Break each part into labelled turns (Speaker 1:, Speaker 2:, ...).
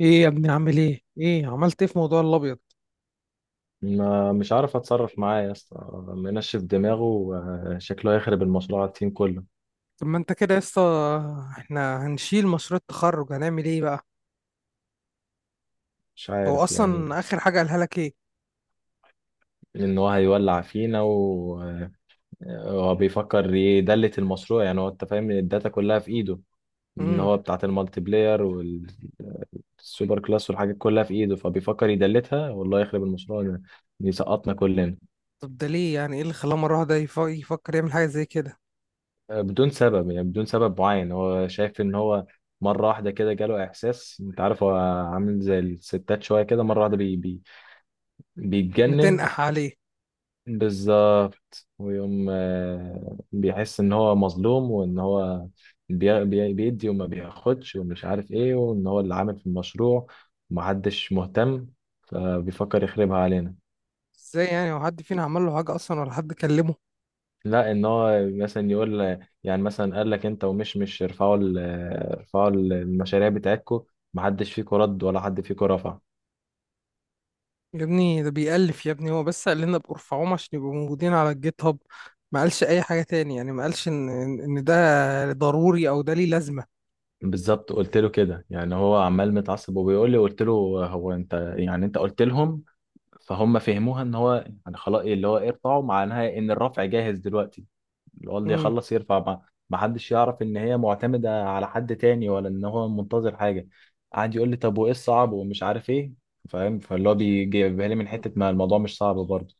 Speaker 1: ايه يا ابني، عامل ايه؟ ايه عملت ايه في موضوع الابيض؟
Speaker 2: ما مش عارف اتصرف معاه يا اسطى. منشف دماغه. شكله هيخرب المشروع على التيم كله.
Speaker 1: طب ما انت كده يا اسطى. احنا هنشيل مشروع التخرج، هنعمل ايه بقى؟
Speaker 2: مش
Speaker 1: هو
Speaker 2: عارف يعني.
Speaker 1: اصلا اخر حاجه قالها لك ايه؟
Speaker 2: ان هو هيولع فينا، وهو بيفكر يدلت المشروع. يعني هو انت فاهم إن الداتا كلها في ايده، ان
Speaker 1: امم
Speaker 2: هو بتاعت المالتي بلاير والسوبر كلاس والحاجات كلها في ايده، فبيفكر يدلتها والله يخرب المشروع ده، يسقطنا كلنا.
Speaker 1: طب ده ليه؟ يعني ايه اللي خلاه مره واحده يفكر يعمل حاجه زي كده؟
Speaker 2: بدون سبب، يعني بدون سبب معين. هو شايف ان هو مرة واحدة كده جاله إحساس، أنت عارف هو عامل زي الستات شوية كده، مرة واحدة بيتجنن.
Speaker 1: متنقح عليه.
Speaker 2: بالظبط. ويقوم بيحس ان هو مظلوم وان هو بيدي وما بياخدش ومش عارف ايه، وان هو اللي عامل في المشروع ومحدش مهتم، فبيفكر يخربها علينا.
Speaker 1: ازاي يعني؟ هو حد فينا عمل له حاجه اصلا ولا حد كلمه؟
Speaker 2: لا، ان هو مثلا يقول، يعني مثلا قال لك انت، ومش مش ارفعوا المشاريع بتاعتكم، محدش فيكم رد ولا حد فيكم رفع.
Speaker 1: يا ابني ده بيألف، يا ابني هو بس قال لنا بارفعوهم عشان يبقوا موجودين على الجيت هاب. ما قالش اي حاجه تاني، يعني ما قالش ان ان إن ده ضروري او ده ليه لازمه.
Speaker 2: بالظبط، قلت له كده. يعني هو عمال متعصب وبيقول لي، قلت له هو انت، يعني انت قلت لهم فهم فهموها ان هو يعني خلاص، إيه اللي هو ارفعوا، معناها ان الرفع جاهز دلوقتي، اللي هو اللي
Speaker 1: امم
Speaker 2: يخلص يرفع. ما حدش يعرف ان هي معتمده على حد تاني، ولا ان هو منتظر حاجه. قعد يقول لي طب وايه الصعب ومش عارف ايه، فاهم؟ فاللي هو بيجيبها لي من حته ما الموضوع مش صعب برضه.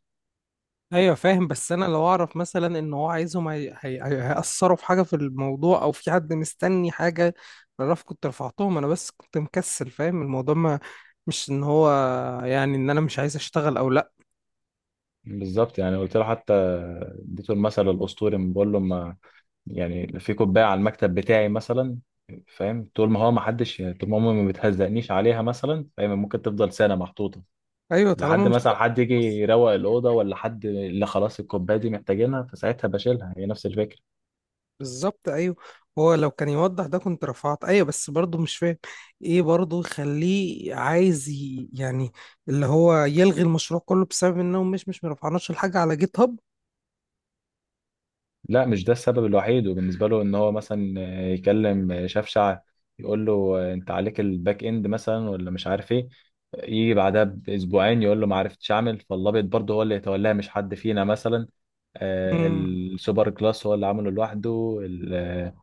Speaker 1: ايوه فاهم، بس انا لو اعرف مثلا ان هو عايزهم هيأثروا في حاجه في الموضوع او في حد مستني حاجه، بعرف، كنت رفعتهم انا بس كنت مكسل. فاهم الموضوع؟ ما مش ان هو يعني، ان انا مش عايز اشتغل او لا.
Speaker 2: بالظبط، يعني قلت له، حتى اديته المثل الاسطوري، بقول له ما يعني في كوبايه على المكتب بتاعي مثلا، فاهم؟ طول ما هو، ما حدش، طول ما امي ما بتهزقنيش عليها مثلا، فاهم؟ ممكن تفضل سنه محطوطه
Speaker 1: ايوه، طالما
Speaker 2: لحد
Speaker 1: مش
Speaker 2: مثلا حد يجي يروق الأوضة، ولا حد اللي خلاص الكوباية دي محتاجينها، فساعتها بشيلها. هي نفس الفكرة.
Speaker 1: بالظبط. ايوه هو لو كان يوضح ده كنت رفعت، ايوه بس برضه مش فاهم ايه برضه يخليه عايز يعني اللي هو يلغي المشروع كله بسبب انهم مش مرفعناش الحاجه على جيت هاب.
Speaker 2: لا، مش ده السبب الوحيد. وبالنسبة له إن هو مثلا يكلم شفشع، يقول له أنت عليك الباك إند مثلا ولا مش عارف إيه، يجي بعدها بأسبوعين يقول له ما عرفتش أعمل، فاللابط برضه هو اللي يتولاها، مش حد فينا مثلا.
Speaker 1: مم.
Speaker 2: السوبر كلاس هو اللي عمله لوحده.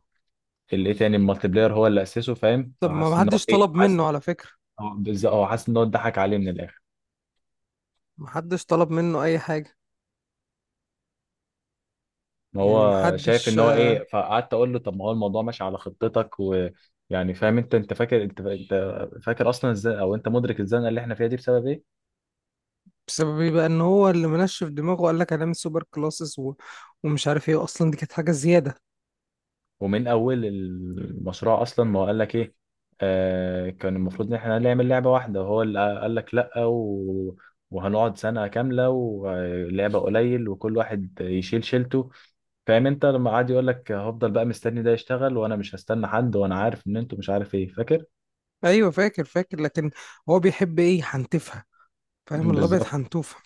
Speaker 2: الايه تاني، المالتي بلاير، هو اللي أسسه، فاهم؟
Speaker 1: طب
Speaker 2: فحاسس
Speaker 1: ما
Speaker 2: إن هو
Speaker 1: حدش
Speaker 2: إيه،
Speaker 1: طلب
Speaker 2: حاسس.
Speaker 1: منه على فكره،
Speaker 2: هو بالظبط، هو حاسس إن هو اتضحك عليه من الآخر.
Speaker 1: محدش طلب منه اي حاجه،
Speaker 2: ما
Speaker 1: يعني
Speaker 2: هو شايف
Speaker 1: محدش.
Speaker 2: ان هو ايه. فقعدت اقول له طب ما هو الموضوع ماشي على خطتك ويعني، فاهم؟ انت فاكر، انت فاكر اصلا ازاي، او انت مدرك الزنقه اللي احنا فيها دي بسبب ايه؟
Speaker 1: بسبب ايه بقى؟ ان هو اللي منشف دماغه وقال لك هنعمل سوبر كلاسز ومش عارف ايه، اصلا دي كانت حاجه زياده.
Speaker 2: ومن اول المشروع اصلا ما هو قال لك ايه. آه كان المفروض ان احنا نعمل لعبه واحده، وهو اللي قال لك لا، وهنقعد سنه كامله ولعبه قليل وكل واحد يشيل شيلته. فاهم؟ انت لما قعد يقول لك هفضل بقى مستني ده يشتغل وانا مش هستنى حد، وانا عارف ان انتوا مش عارف ايه، فاكر؟
Speaker 1: ايوه فاكر، فاكر، لكن هو بيحب ايه؟ حنتفها، فاهم؟ الابيض
Speaker 2: بالظبط.
Speaker 1: حنتوفه.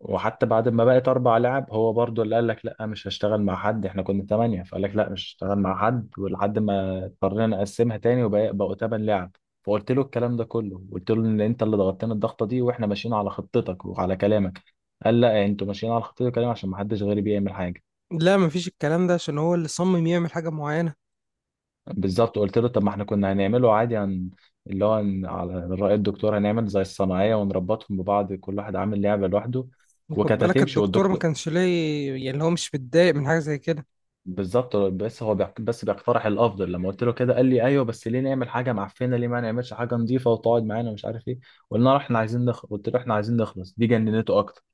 Speaker 2: وحتى بعد ما بقت اربع لعب، هو برضو اللي قال لك لا، مش هشتغل مع حد. احنا كنا ثمانية، فقال لك لا مش هشتغل مع حد، ولحد ما اضطرينا نقسمها تاني وبقوا ثمان لعب. فقلت له الكلام ده كله، قلت له ان انت اللي ضغطتنا الضغطة دي، واحنا ماشيين على خطتك وعلى كلامك. قال لا، انتوا ماشيين على خطتي وكلامي عشان ما حدش غيري بيعمل حاجة.
Speaker 1: لا مفيش الكلام ده، عشان هو اللي صمم يعمل حاجه معينه.
Speaker 2: بالظبط، قلت له طب ما احنا كنا هنعمله عادي، هن... اللي هو هن- على رأي الدكتور، هنعمل زي الصناعية ونربطهم ببعض، كل واحد عامل لعبة لوحده،
Speaker 1: وخد
Speaker 2: وكانت
Speaker 1: بالك
Speaker 2: هتمشي
Speaker 1: الدكتور ما
Speaker 2: والدكتور.
Speaker 1: كانش ليه، يعني اللي هو مش متضايق من حاجه زي كده.
Speaker 2: بالظبط، بس هو بيق- بس بيقترح الافضل. لما قلت له كده، قال لي ايوه بس ليه نعمل حاجه معفنه، ليه ما نعملش حاجه نظيفه وتقعد معانا ومش عارف ايه. قلنا له احنا عايزين نخلص، قلت له احنا عايزين نخلص، دي جننته اكتر.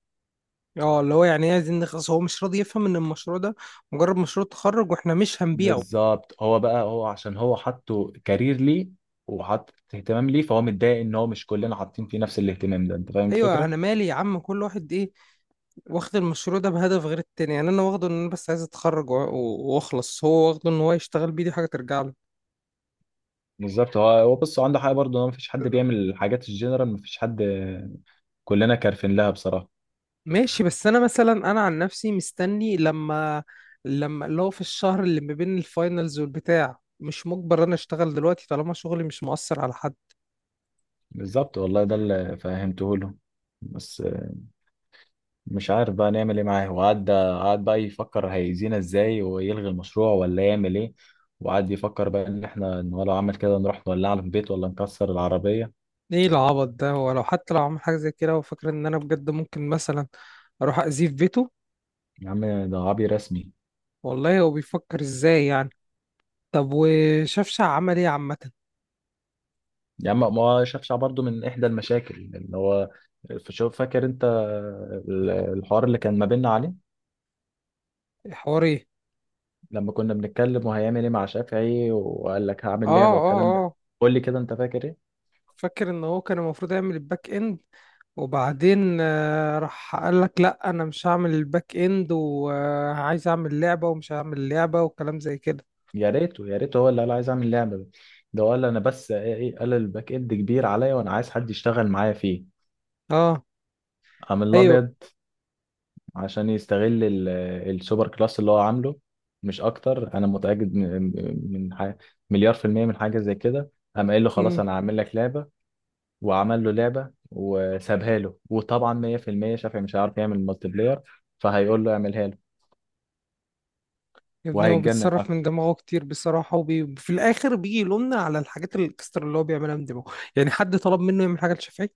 Speaker 1: اه، اللي هو يعني ايه عايزين نخلص؟ هو مش راضي يفهم ان المشروع ده مجرد مشروع تخرج واحنا مش هنبيعه.
Speaker 2: بالظبط. هو بقى هو عشان هو حطه كارير ليه، وحط اهتمام ليه، فهو متضايق ان هو مش كلنا حاطين فيه نفس الاهتمام ده. انت فاهم
Speaker 1: ايوه
Speaker 2: الفكره؟
Speaker 1: انا مالي يا عم، كل واحد ايه، واخد المشروع ده بهدف غير التاني، يعني انا واخده ان انا بس عايز اتخرج واخلص، هو واخده ان هو يشتغل بيه، دي حاجه ترجع له.
Speaker 2: بالظبط. هو بص، هو عنده حق برضه، هو مفيش حد بيعمل الحاجات الجنرال، مفيش حد، كلنا كارفين لها بصراحه.
Speaker 1: ماشي، بس انا مثلا، انا عن نفسي مستني لما لما اللي هو في الشهر اللي ما بين الفاينلز والبتاع، مش مجبر انا اشتغل دلوقتي طالما شغلي مش مؤثر على حد.
Speaker 2: بالظبط والله، ده اللي فهمته له. بس مش عارف بقى نعمل ايه معاه. وقعد بقى يفكر هيأذينا ازاي، ويلغي المشروع ولا يعمل ايه. وقعد يفكر بقى ان احنا، إن هو لو عمل كده نروح نولعه في البيت ولا نكسر العربية.
Speaker 1: ايه العبط ده؟ ولو حتى لو عمل حاجه زي كده وفاكر ان انا بجد ممكن مثلا اروح اذيه في بيته.
Speaker 2: يا عم ده عبي رسمي.
Speaker 1: والله هو بيفكر ازاي يعني؟ طب وشفشع عمل ايه عامه؟
Speaker 2: يا عم ما هو شافش برضه، من احدى المشاكل اللي هو، شوف، فاكر انت الحوار اللي كان ما بيننا عليه؟
Speaker 1: الحوار ايه؟
Speaker 2: لما كنا بنتكلم وهيعمل ايه مع شافعي، وقال لك
Speaker 1: اه،
Speaker 2: هعمل لعبة
Speaker 1: اه،
Speaker 2: والكلام ده،
Speaker 1: اه
Speaker 2: قول لي كده، انت فاكر ايه؟
Speaker 1: فاكر ان هو كان المفروض يعمل الباك اند، وبعدين راح قال لك لا انا مش هعمل الباك اند وعايز اعمل لعبة ومش هعمل لعبة وكلام زي كده.
Speaker 2: يا ريته، يا ريته هو اللي قال عايز اعمل لعبه ده. ده هو قال انا بس ايه، قال الباك اند كبير عليا وانا عايز حد يشتغل معايا فيه.
Speaker 1: اه.
Speaker 2: قام
Speaker 1: ايوه.
Speaker 2: الابيض عشان يستغل السوبر كلاس اللي هو عامله، مش اكتر. انا متاكد من من مليار في الميه من حاجه زي كده. قام قايل له خلاص
Speaker 1: امم
Speaker 2: انا هعمل لك لعبه، وعمل له لعبه وسابها له. وطبعا 100% شافعي مش هيعرف يعمل مالتي بلاير، فهيقول له اعملها له.
Speaker 1: يا ابني هو
Speaker 2: وهيتجنن.
Speaker 1: بيتصرف من دماغه كتير بصراحة، وفي الاخر بيجي يلومنا على الحاجات الاكسترا اللي هو بيعملها من دماغه، يعني حد طلب منه يعمل حاجة لشافعي؟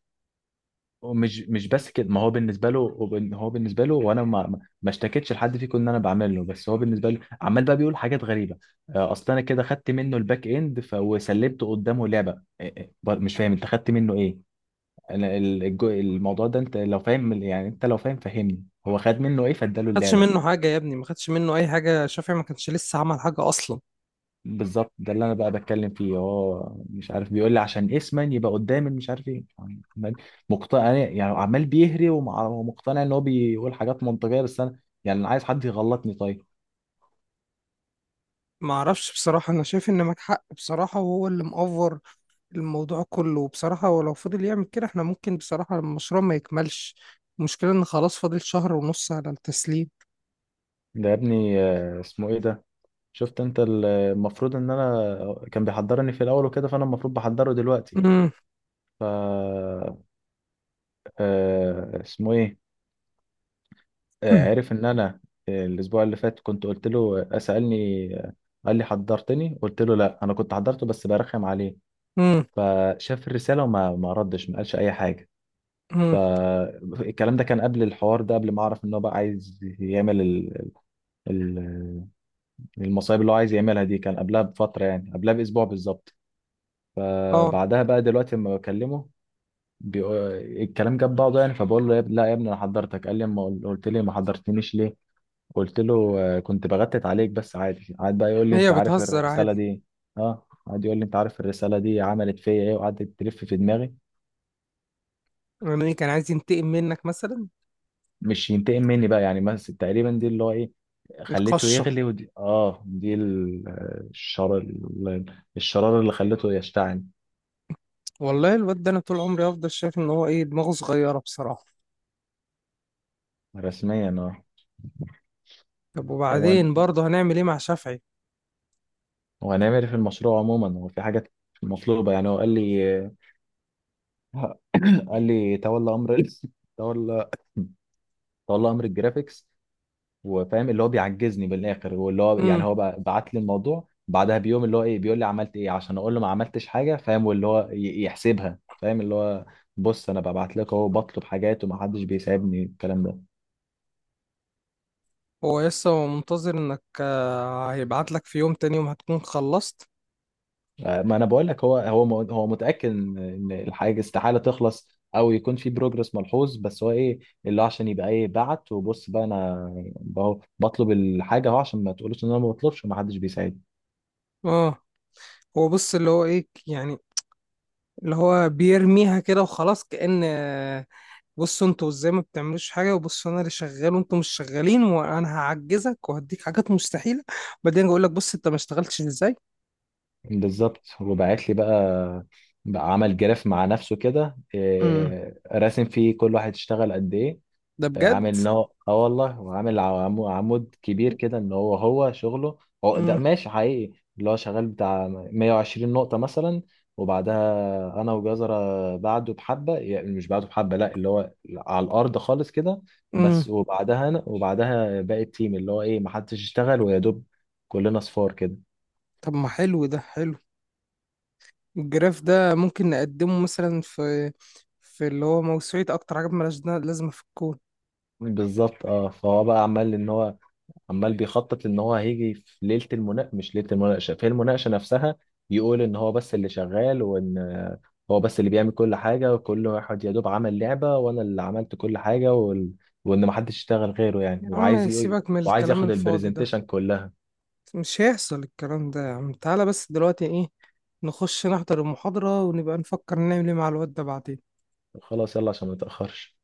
Speaker 2: ومش مش بس كده، ما هو بالنسبه له هو هو بالنسبه له، وانا ما اشتكيتش لحد فيكم ان انا بعمل له، بس هو بالنسبه له عمال بقى بيقول حاجات غريبه. اصل انا كده خدت منه الباك اند وسلبت قدامه لعبه. مش فاهم، انت خدت منه ايه؟ انا الموضوع ده انت لو فاهم، يعني انت لو فاهم فهمني، هو خد منه ايه فاداله
Speaker 1: ما خدش
Speaker 2: اللعبه؟
Speaker 1: منه حاجة يا ابني، ما خدش منه اي حاجة، شافعي ما كانش لسه عمل حاجة اصلا.
Speaker 2: بالظبط، ده اللي انا بقى بتكلم فيه. هو مش عارف، بيقول لي عشان اسما يبقى قدام مش عارف ايه. عمال مقتنع، يعني يعني عمال بيهري ومقتنع ان هو بيقول حاجات منطقيه، بس انا يعني انا عايز حد يغلطني طيب.
Speaker 1: ما اعرفش بصراحة، انا شايف ان معاك حق بصراحة، وهو اللي مأفور الموضوع كله بصراحة، ولو فضل يعمل كده احنا ممكن بصراحة المشروع ما يكملش. المشكلة ان خلاص فاضل شهر ونص على التسليم.
Speaker 2: ده يا ابني اسمه ايه ده. شفت انت المفروض ان انا كان بيحضرني في الاول وكده، فانا المفروض بحضره دلوقتي.
Speaker 1: مم.
Speaker 2: ف آه، اسمه ايه،
Speaker 1: مم.
Speaker 2: عرف ان انا، الاسبوع اللي فات كنت قلت له، سالني، قال لي حضرتني، قلت له لا انا كنت حضرته بس برخم عليه.
Speaker 1: مم.
Speaker 2: فشاف الرسالة وما ما ردش، ما قالش أي حاجة.
Speaker 1: مم.
Speaker 2: فالكلام ده كان قبل الحوار ده، قبل ما أعرف إن هو بقى عايز يعمل ال- المصايب اللي هو عايز يعملها دي. كان قبلها بفترة، يعني قبلها بأسبوع بالظبط.
Speaker 1: اه.
Speaker 2: بعدها بقى دلوقتي لما بكلمه الكلام جاب بعضه يعني، فبقول له لا يا ابني انا حضرتك، قال لي ما قل- قلت لي ما حضرتنيش ليه؟ قلت له كنت بغتت عليك بس عادي. قعد بقى يقول لي انت
Speaker 1: هي
Speaker 2: عارف
Speaker 1: بتهزر
Speaker 2: الرساله
Speaker 1: عادي.
Speaker 2: دي، اه قعد يقول لي انت عارف الرساله دي عملت فيا ايه، وقعدت تلف في دماغي.
Speaker 1: يعني كان عايز ينتقم منك مثلا؟
Speaker 2: مش ينتقم مني بقى يعني، بس تقريبا دي اللي هو ايه، خليته
Speaker 1: القشة.
Speaker 2: يغلي. ودي اه دي الشر الشرارة اللي خليته يشتعل.
Speaker 1: والله الواد ده، انا طول عمري هفضل شايف ان هو ايه، دماغه صغيرة بصراحة.
Speaker 2: رسميا اه.
Speaker 1: طب
Speaker 2: طب
Speaker 1: وبعدين برضه هنعمل ايه مع شافعي؟
Speaker 2: وهنعمل إيه في المشروع عموما؟ هو في حاجات مطلوبة، يعني هو قال لي، قال لي تولى امر ال- تولى تولى امر الجرافيكس، وفاهم اللي هو بيعجزني بالاخر. واللي هو يعني
Speaker 1: مم.
Speaker 2: هو بقى بعت لي الموضوع بعدها بيوم، اللي هو ايه بيقول لي عملت ايه، عشان اقول له ما عملتش حاجه، فاهم؟ واللي هو يحسبها، فاهم؟ اللي هو بص انا ببعت لك اهو بطلب حاجات ومحدش بيساعدني، الكلام ده.
Speaker 1: هو لسه هو منتظر انك هيبعت لك في يوم، تاني يوم هتكون خلصت.
Speaker 2: ما انا بقول لك، هو هو متاكد ان إن الحاجه استحاله تخلص، او يكون في بروجرس ملحوظ، بس هو ايه اللي هو عشان يبقى ايه، بعت. وبص بقى، انا بطلب الحاجه اهو عشان ما تقولوش ان انا ما بطلبش ومحدش بيساعدني.
Speaker 1: اه، هو بص، اللي هو ايه يعني، اللي هو بيرميها كده وخلاص كأن بصوا انتوا ازاي ما بتعملوش حاجة، وبصوا انا اللي شغال وانتوا مش شغالين، وانا هعجزك وهديك حاجات مستحيلة، بعدين اقول لك بص انت ما اشتغلتش ازاي.
Speaker 2: بالظبط. وبعت لي بقى، عمل جراف مع نفسه كده
Speaker 1: امم.
Speaker 2: إيه، راسم فيه كل واحد اشتغل قد ايه.
Speaker 1: ده
Speaker 2: إيه،
Speaker 1: بجد؟
Speaker 2: عامل ان هو اه والله. وعامل عمود كبير كده ان هو، هو شغله، هو ده
Speaker 1: امم.
Speaker 2: ماشي حقيقي، اللي هو شغال بتاع 120 نقطة مثلا. وبعدها انا وجزرة بعده بحبة، يعني مش بعده بحبة، لا، اللي هو على الارض خالص كده،
Speaker 1: امم.
Speaker 2: بس. وبعدها انا، وبعدها باقي التيم اللي هو ايه، محدش اشتغل، ويا دوب كلنا صفار كده.
Speaker 1: طب ما حلو، ده حلو. الجراف ده ممكن نقدمه مثلا في في اللي هو موسوعة اكتر حاجة مالهاش لازمة في الكون.
Speaker 2: بالظبط. اه فهو بقى عمال ان هو، عمال بيخطط ان هو هيجي في ليله المناقشه، مش ليله المناقشه، في المناقشه نفسها، يقول ان هو بس اللي شغال، وان آه، هو بس اللي بيعمل كل حاجه، وكل واحد يا دوب عمل لعبه، وانا اللي عملت كل حاجه وان محدش يشتغل غيره يعني.
Speaker 1: يا عم سيبك من
Speaker 2: وعايز
Speaker 1: الكلام
Speaker 2: ياخد
Speaker 1: الفاضي ده،
Speaker 2: البرزنتيشن كلها.
Speaker 1: مش هيحصل الكلام ده يا عم. تعالى بس دلوقتي، ايه، نخش نحضر المحاضرة ونبقى نفكر نعمل ايه مع الواد ده بعدين.
Speaker 2: خلاص يلا عشان ما تاخرش.